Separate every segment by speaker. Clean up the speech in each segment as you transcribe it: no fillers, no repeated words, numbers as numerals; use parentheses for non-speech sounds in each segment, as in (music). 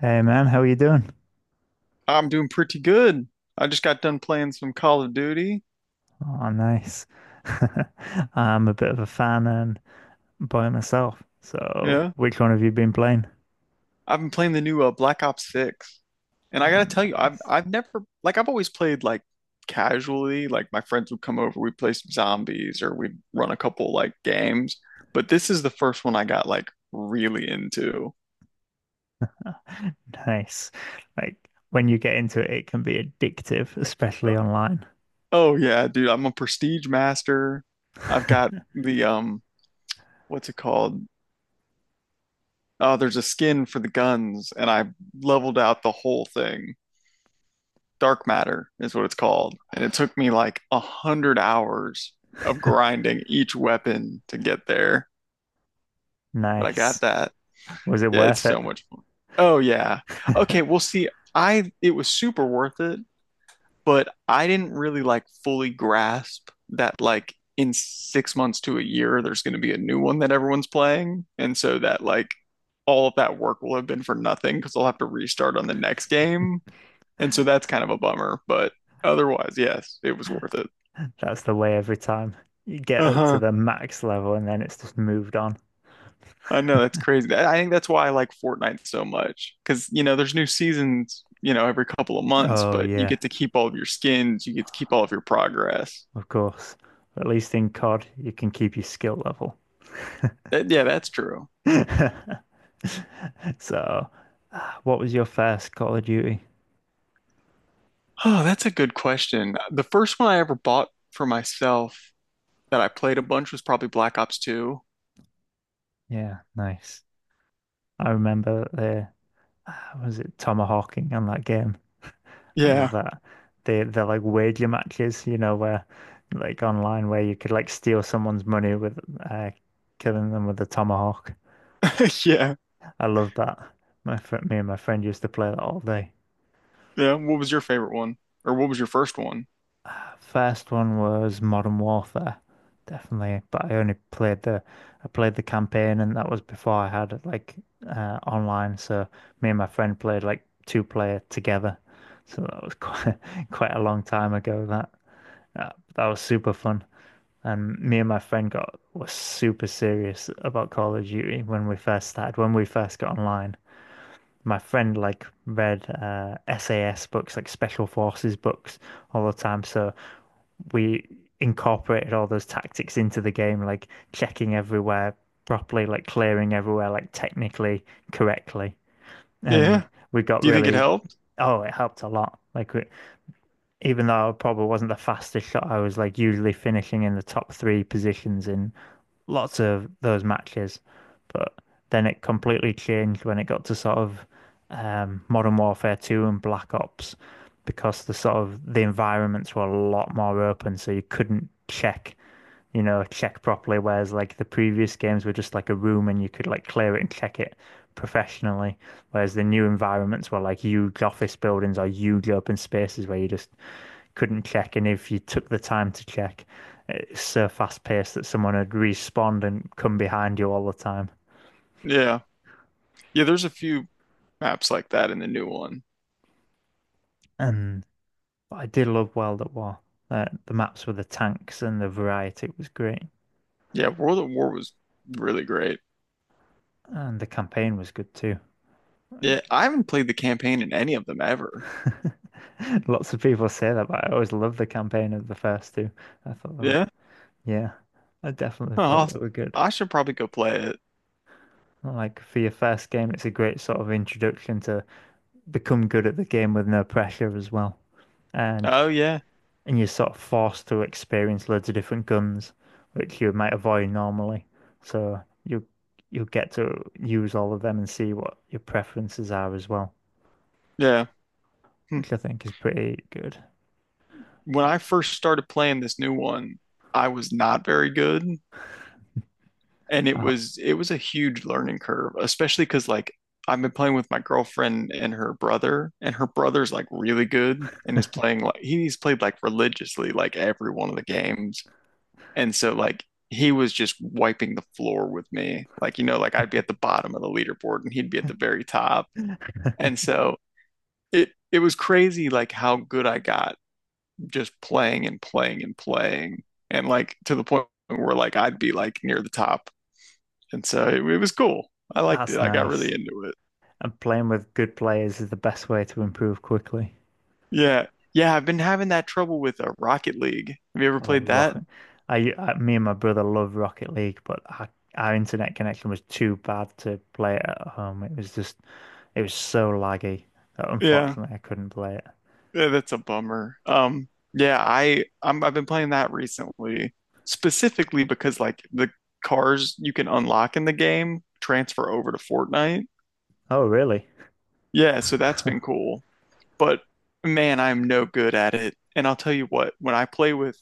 Speaker 1: Hey man, how are you doing?
Speaker 2: I'm doing pretty good. I just got done playing some Call of Duty.
Speaker 1: Oh, nice. (laughs) I'm a bit of a fan and by myself. So,
Speaker 2: Yeah.
Speaker 1: which one have you been playing?
Speaker 2: I've been playing the new Black Ops 6. And I gotta
Speaker 1: Oh,
Speaker 2: tell you, I've
Speaker 1: nice.
Speaker 2: I've never like I've always played like casually, like my friends would come over, we'd play some zombies or we'd run a couple like games. But this is the first one I got like really into.
Speaker 1: (laughs) Nice. Like when you get into it, it can be addictive, especially online.
Speaker 2: Oh yeah, dude, I'm a prestige master. I've got
Speaker 1: (laughs)
Speaker 2: the what's it called? Oh, there's a skin for the guns and I leveled out the whole thing. Dark matter is what it's called. And it took me like 100 hours of grinding each weapon to get there. But I got
Speaker 1: Nice.
Speaker 2: that.
Speaker 1: Was it
Speaker 2: Yeah, it's
Speaker 1: worth it?
Speaker 2: so much fun. Oh yeah. Okay,
Speaker 1: (laughs)
Speaker 2: well see, I it was super worth it, but I didn't really like fully grasp that like in 6 months to a year there's gonna be a new one that everyone's playing. And so that like all of that work will have been for nothing because I'll have to restart on the next game. And so that's kind of a bummer, but otherwise, yes, it was worth it.
Speaker 1: That's the way every time. You get up to
Speaker 2: Uh-huh.
Speaker 1: the max level and then it's just moved on.
Speaker 2: I know that's crazy. That- I think that's why I like Fortnite so much because you know there's new seasons, every couple of months,
Speaker 1: Oh,
Speaker 2: but you
Speaker 1: yeah,
Speaker 2: get to keep all of your skins, you get to keep all of your progress.
Speaker 1: of course. At least in COD, you can keep your skill level.
Speaker 2: That, yeah, that's true.
Speaker 1: (laughs) So, what was your first Call of Duty?
Speaker 2: Oh, that's a good question. The first one I ever bought for myself that I played a bunch was probably Black Ops 2.
Speaker 1: Yeah, nice. I remember the was it tomahawking on that game? I love
Speaker 2: Yeah.
Speaker 1: that. They they're like wager matches, you know, where like online where you could like steal someone's money with uh, killing them with a tomahawk.
Speaker 2: (laughs) Yeah.
Speaker 1: I love that. My friend, me and my friend used to play that all day.
Speaker 2: Yeah. What was your favorite one? Or what was your first one?
Speaker 1: First one was Modern Warfare, definitely. But I only played the I played the campaign, and that was before I had like online. So me and my friend played like two player together. So that was quite (laughs) quite a long time ago. That was super fun. And me and my friend got was super serious about Call of Duty when we first started. When we first got online, my friend like read SAS books, like Special Forces books, all the time. So we incorporated all those tactics into the game, like checking everywhere properly, like clearing everywhere, like technically correctly. And
Speaker 2: Yeah.
Speaker 1: we got
Speaker 2: Do you think it
Speaker 1: really,
Speaker 2: helped?
Speaker 1: oh, it helped a lot. Even though I probably wasn't the fastest shot, I was like usually finishing in the top three positions in lots of those matches, but then it completely changed when it got to sort of Modern Warfare 2 and Black Ops because the sort of the environments were a lot more open, so you couldn't check, you know, check properly, whereas like the previous games were just like a room and you could like clear it and check it professionally, whereas the new environments were like huge office buildings or huge open spaces where you just couldn't check, and if you took the time to check, it's so fast paced that someone had respawned and come behind you all the time.
Speaker 2: Yeah. Yeah, there's a few maps like that in the new one.
Speaker 1: And but I did love World at War. The maps with the tanks and the variety was great,
Speaker 2: Yeah, World at War was really great.
Speaker 1: and the campaign was good too.
Speaker 2: Yeah, I haven't played the campaign in any of them ever.
Speaker 1: (laughs) Lots of people say that, but I always loved the campaign of the first two. I thought they were,
Speaker 2: Yeah,
Speaker 1: yeah, I definitely
Speaker 2: oh,
Speaker 1: thought they were good.
Speaker 2: I should probably go play it.
Speaker 1: Like for your first game, it's a great sort of introduction to become good at the game with no pressure as well. And
Speaker 2: Oh yeah,
Speaker 1: and you're sort of forced to experience loads of different guns, which you might avoid normally. So you'll get to use all of them and see what your preferences are as well,
Speaker 2: yeah. Hmm.
Speaker 1: which I think is pretty good.
Speaker 2: When I first started playing this new one, I was not very good, and it
Speaker 1: Oh,
Speaker 2: was it was a huge learning curve, especially because like I've been playing with my girlfriend and her brother, and her brother's like really good and is playing like he's played like religiously like every one of the games. And so like he was just wiping the floor with me. Like, like I'd be at the bottom of the leaderboard and he'd be at the very top. And so it was crazy like how good I got just playing and playing and playing. And like to the point where like I'd be like near the top. And so it was cool. I liked it.
Speaker 1: that's
Speaker 2: I got
Speaker 1: nice.
Speaker 2: really into it.
Speaker 1: And playing with good players is the best way to improve quickly.
Speaker 2: Yeah. Yeah, I've been having that trouble with Rocket League. Have you ever
Speaker 1: Oh,
Speaker 2: played that?
Speaker 1: Rocket. I Me and my brother love Rocket League, but our internet connection was too bad to play it at home. It was so laggy that
Speaker 2: Yeah.
Speaker 1: unfortunately I couldn't play it.
Speaker 2: Yeah, that's a bummer. Yeah, I've been playing that recently, specifically because like the cars you can unlock in the game transfer over to Fortnite.
Speaker 1: Oh, really?
Speaker 2: Yeah, so that's
Speaker 1: (laughs)
Speaker 2: been cool. But man, I'm no good at it. And I'll tell you what, when I play with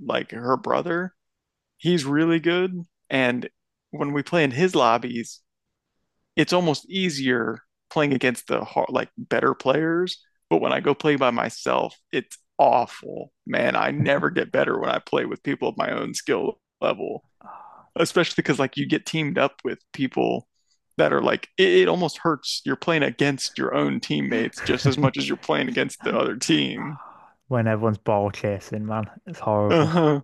Speaker 2: like her brother, he's really good. And when we play in his lobbies, it's almost easier playing against the hard, like better players. But when I go play by myself, it's awful. Man, I never get better when I play with people of my own skill level, especially because like you get teamed up with people that are like it almost hurts. You're playing against your own teammates just as
Speaker 1: (laughs)
Speaker 2: much as you're playing against the other team.
Speaker 1: When everyone's ball chasing, man, it's horrible.
Speaker 2: Uh-huh.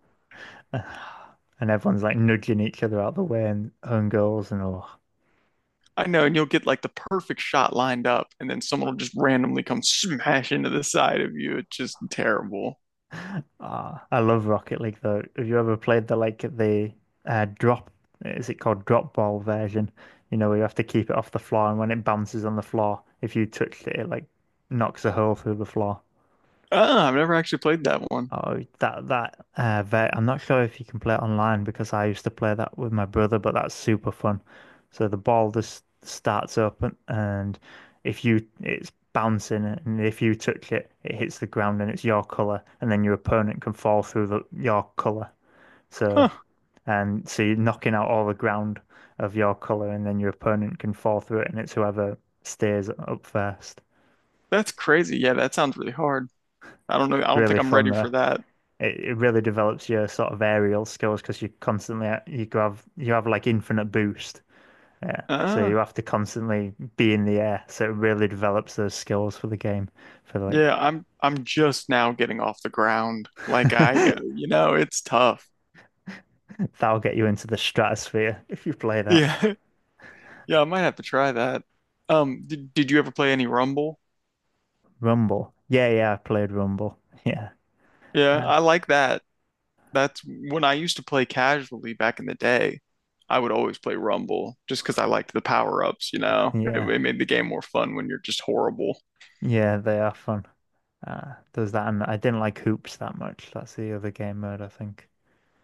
Speaker 1: (sighs) And everyone's like nudging each other out the way and own goals and all.
Speaker 2: I know, and you'll get like the perfect shot lined up, and then someone will just randomly come smash into the side of you. It's just terrible.
Speaker 1: (sighs) Ah, I love Rocket League though. Have you ever played the drop? Is it called drop ball version? You know, where you have to keep it off the floor, and when it bounces on the floor, if you touch it, it like knocks a hole through the floor.
Speaker 2: Ah, I've never actually played that one.
Speaker 1: Oh, I'm not sure if you can play it online because I used to play that with my brother, but that's super fun. So the ball just starts up and if you it's bouncing and if you touch it, it hits the ground and it's your color, and then your opponent can fall through your color. So
Speaker 2: Huh,
Speaker 1: so you're knocking out all the ground of your color, and then your opponent can fall through it, and it's whoever stays up first.
Speaker 2: that's crazy. Yeah, that sounds really hard. I don't know. I
Speaker 1: It's
Speaker 2: don't think
Speaker 1: really
Speaker 2: I'm
Speaker 1: fun
Speaker 2: ready
Speaker 1: though.
Speaker 2: for that.
Speaker 1: It really develops your sort of aerial skills because you constantly you go have you have like infinite boost. Yeah. So
Speaker 2: Uh,
Speaker 1: you have to constantly be in the air. So it really develops those skills for the game. For like
Speaker 2: yeah, I'm just now getting off the ground. Like I,
Speaker 1: (laughs)
Speaker 2: it's tough.
Speaker 1: That'll get you into the stratosphere if you play that.
Speaker 2: Yeah. (laughs) Yeah, I might have to try that. Did you ever play any Rumble?
Speaker 1: Rumble. Yeah, yeah, I played Rumble. Yeah.
Speaker 2: Yeah,
Speaker 1: Uh,
Speaker 2: I like that. That's when I used to play casually back in the day. I would always play Rumble just because I liked the power-ups. It,
Speaker 1: yeah.
Speaker 2: it made the game more fun when you're just horrible.
Speaker 1: Yeah, they are fun. There's that and I didn't like Hoops that much. That's the other game mode, I think.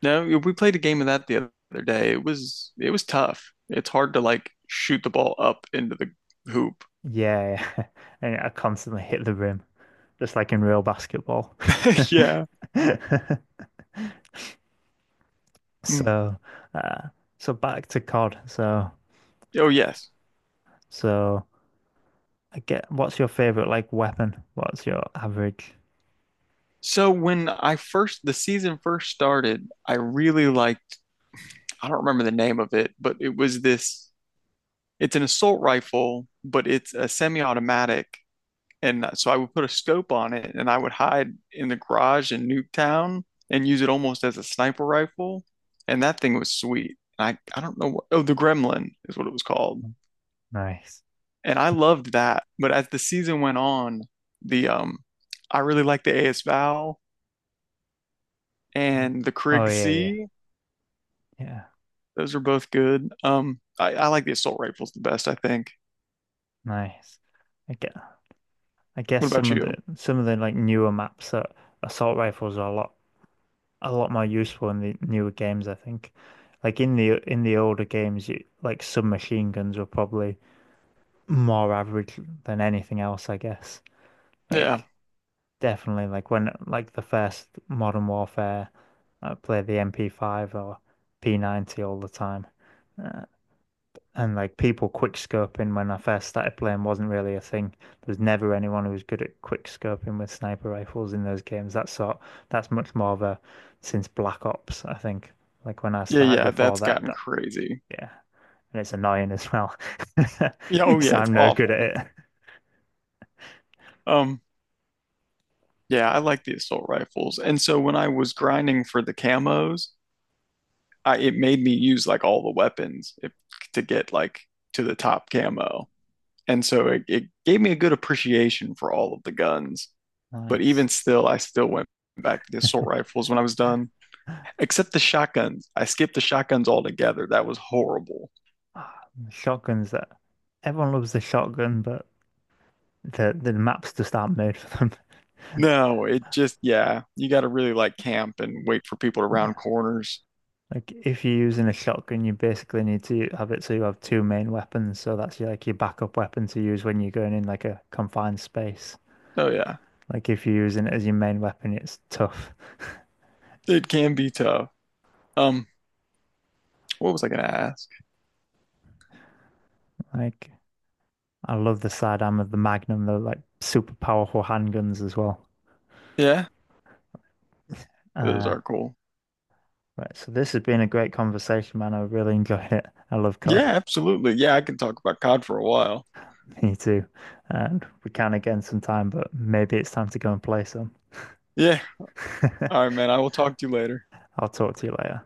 Speaker 2: No, we played a game of that the other day. It was tough. It's hard to like shoot the ball up into the hoop.
Speaker 1: Yeah, yeah. (laughs) And I constantly hit the rim. Just like in real basketball.
Speaker 2: (laughs) Yeah.
Speaker 1: (laughs)
Speaker 2: Mm.
Speaker 1: So, uh, so back to COD. So,
Speaker 2: Oh yes.
Speaker 1: so I get what's your favorite like weapon? What's your average?
Speaker 2: So when I first the season first started, I really liked I don't remember the name of it, but it was this it's an assault rifle, but it's a semi-automatic. And so I would put a scope on it and I would hide in the garage in Nuketown and use it almost as a sniper rifle. And that thing was sweet. And I don't know what, oh, the Gremlin is what it was called.
Speaker 1: Nice.
Speaker 2: And I loved that. But as the season went on, the I really liked the AS Val
Speaker 1: Mm.
Speaker 2: and the
Speaker 1: Oh
Speaker 2: Krig
Speaker 1: yeah, yeah,
Speaker 2: C.
Speaker 1: yeah.
Speaker 2: Those are both good. I like the assault rifles the best, I think.
Speaker 1: Nice. I get, I guess
Speaker 2: What about
Speaker 1: some of the
Speaker 2: you?
Speaker 1: some of the like newer maps that assault rifles are a lot more useful in the newer games, I think. Like in the older games, like submachine guns were probably more average than anything else, I guess.
Speaker 2: Yeah.
Speaker 1: Like definitely like when like the first Modern Warfare I played the MP5 or P90 all the time. Uh, and like people quick scoping when I first started playing wasn't really a thing. There's never anyone who was good at quick scoping with sniper rifles in those games. That's much more of a since Black Ops, I think. Like when I
Speaker 2: Yeah,
Speaker 1: started
Speaker 2: yeah,
Speaker 1: before
Speaker 2: that's
Speaker 1: that
Speaker 2: gotten
Speaker 1: that
Speaker 2: crazy.
Speaker 1: yeah. And it's annoying as well. (laughs)
Speaker 2: Yeah, oh
Speaker 1: Because
Speaker 2: yeah, it's
Speaker 1: I'm no good at
Speaker 2: awful.
Speaker 1: it.
Speaker 2: Um Yeah, I like the assault rifles. And so when I was grinding for the camos, I it made me use like all the weapons if, to get like to the top camo. And so it gave me a good appreciation for all of the guns. But
Speaker 1: Nice.
Speaker 2: even still, I still went back to the assault rifles when I was done, except the shotguns. I skipped the shotguns altogether. That was horrible.
Speaker 1: Ah, the Shotguns that everyone loves the shotgun, but the maps just aren't made for them. (laughs)
Speaker 2: No, it just, yeah, you got to really like camp and wait for people to round corners.
Speaker 1: Like if you're using a shotgun, you basically need to have it so you have two main weapons. So that's your, like your backup weapon to use when you're going in like a confined space.
Speaker 2: Oh, yeah,
Speaker 1: Like if you're using it as your main weapon, it's tough. (laughs)
Speaker 2: it can be tough. Um, what was I gonna ask?
Speaker 1: Like I love the sidearm of the Magnum. They're like super powerful handguns as well.
Speaker 2: Yeah. Those
Speaker 1: Uh,
Speaker 2: are cool.
Speaker 1: right. So this has been a great conversation, man. I really (laughs) enjoyed it. I love COD.
Speaker 2: Yeah, absolutely. Yeah, I can talk about COD for a while.
Speaker 1: Me too. And we can again sometime, but maybe it's time to go and play some.
Speaker 2: Yeah.
Speaker 1: (laughs)
Speaker 2: All right, man. I will talk to you later.
Speaker 1: I'll talk to you later.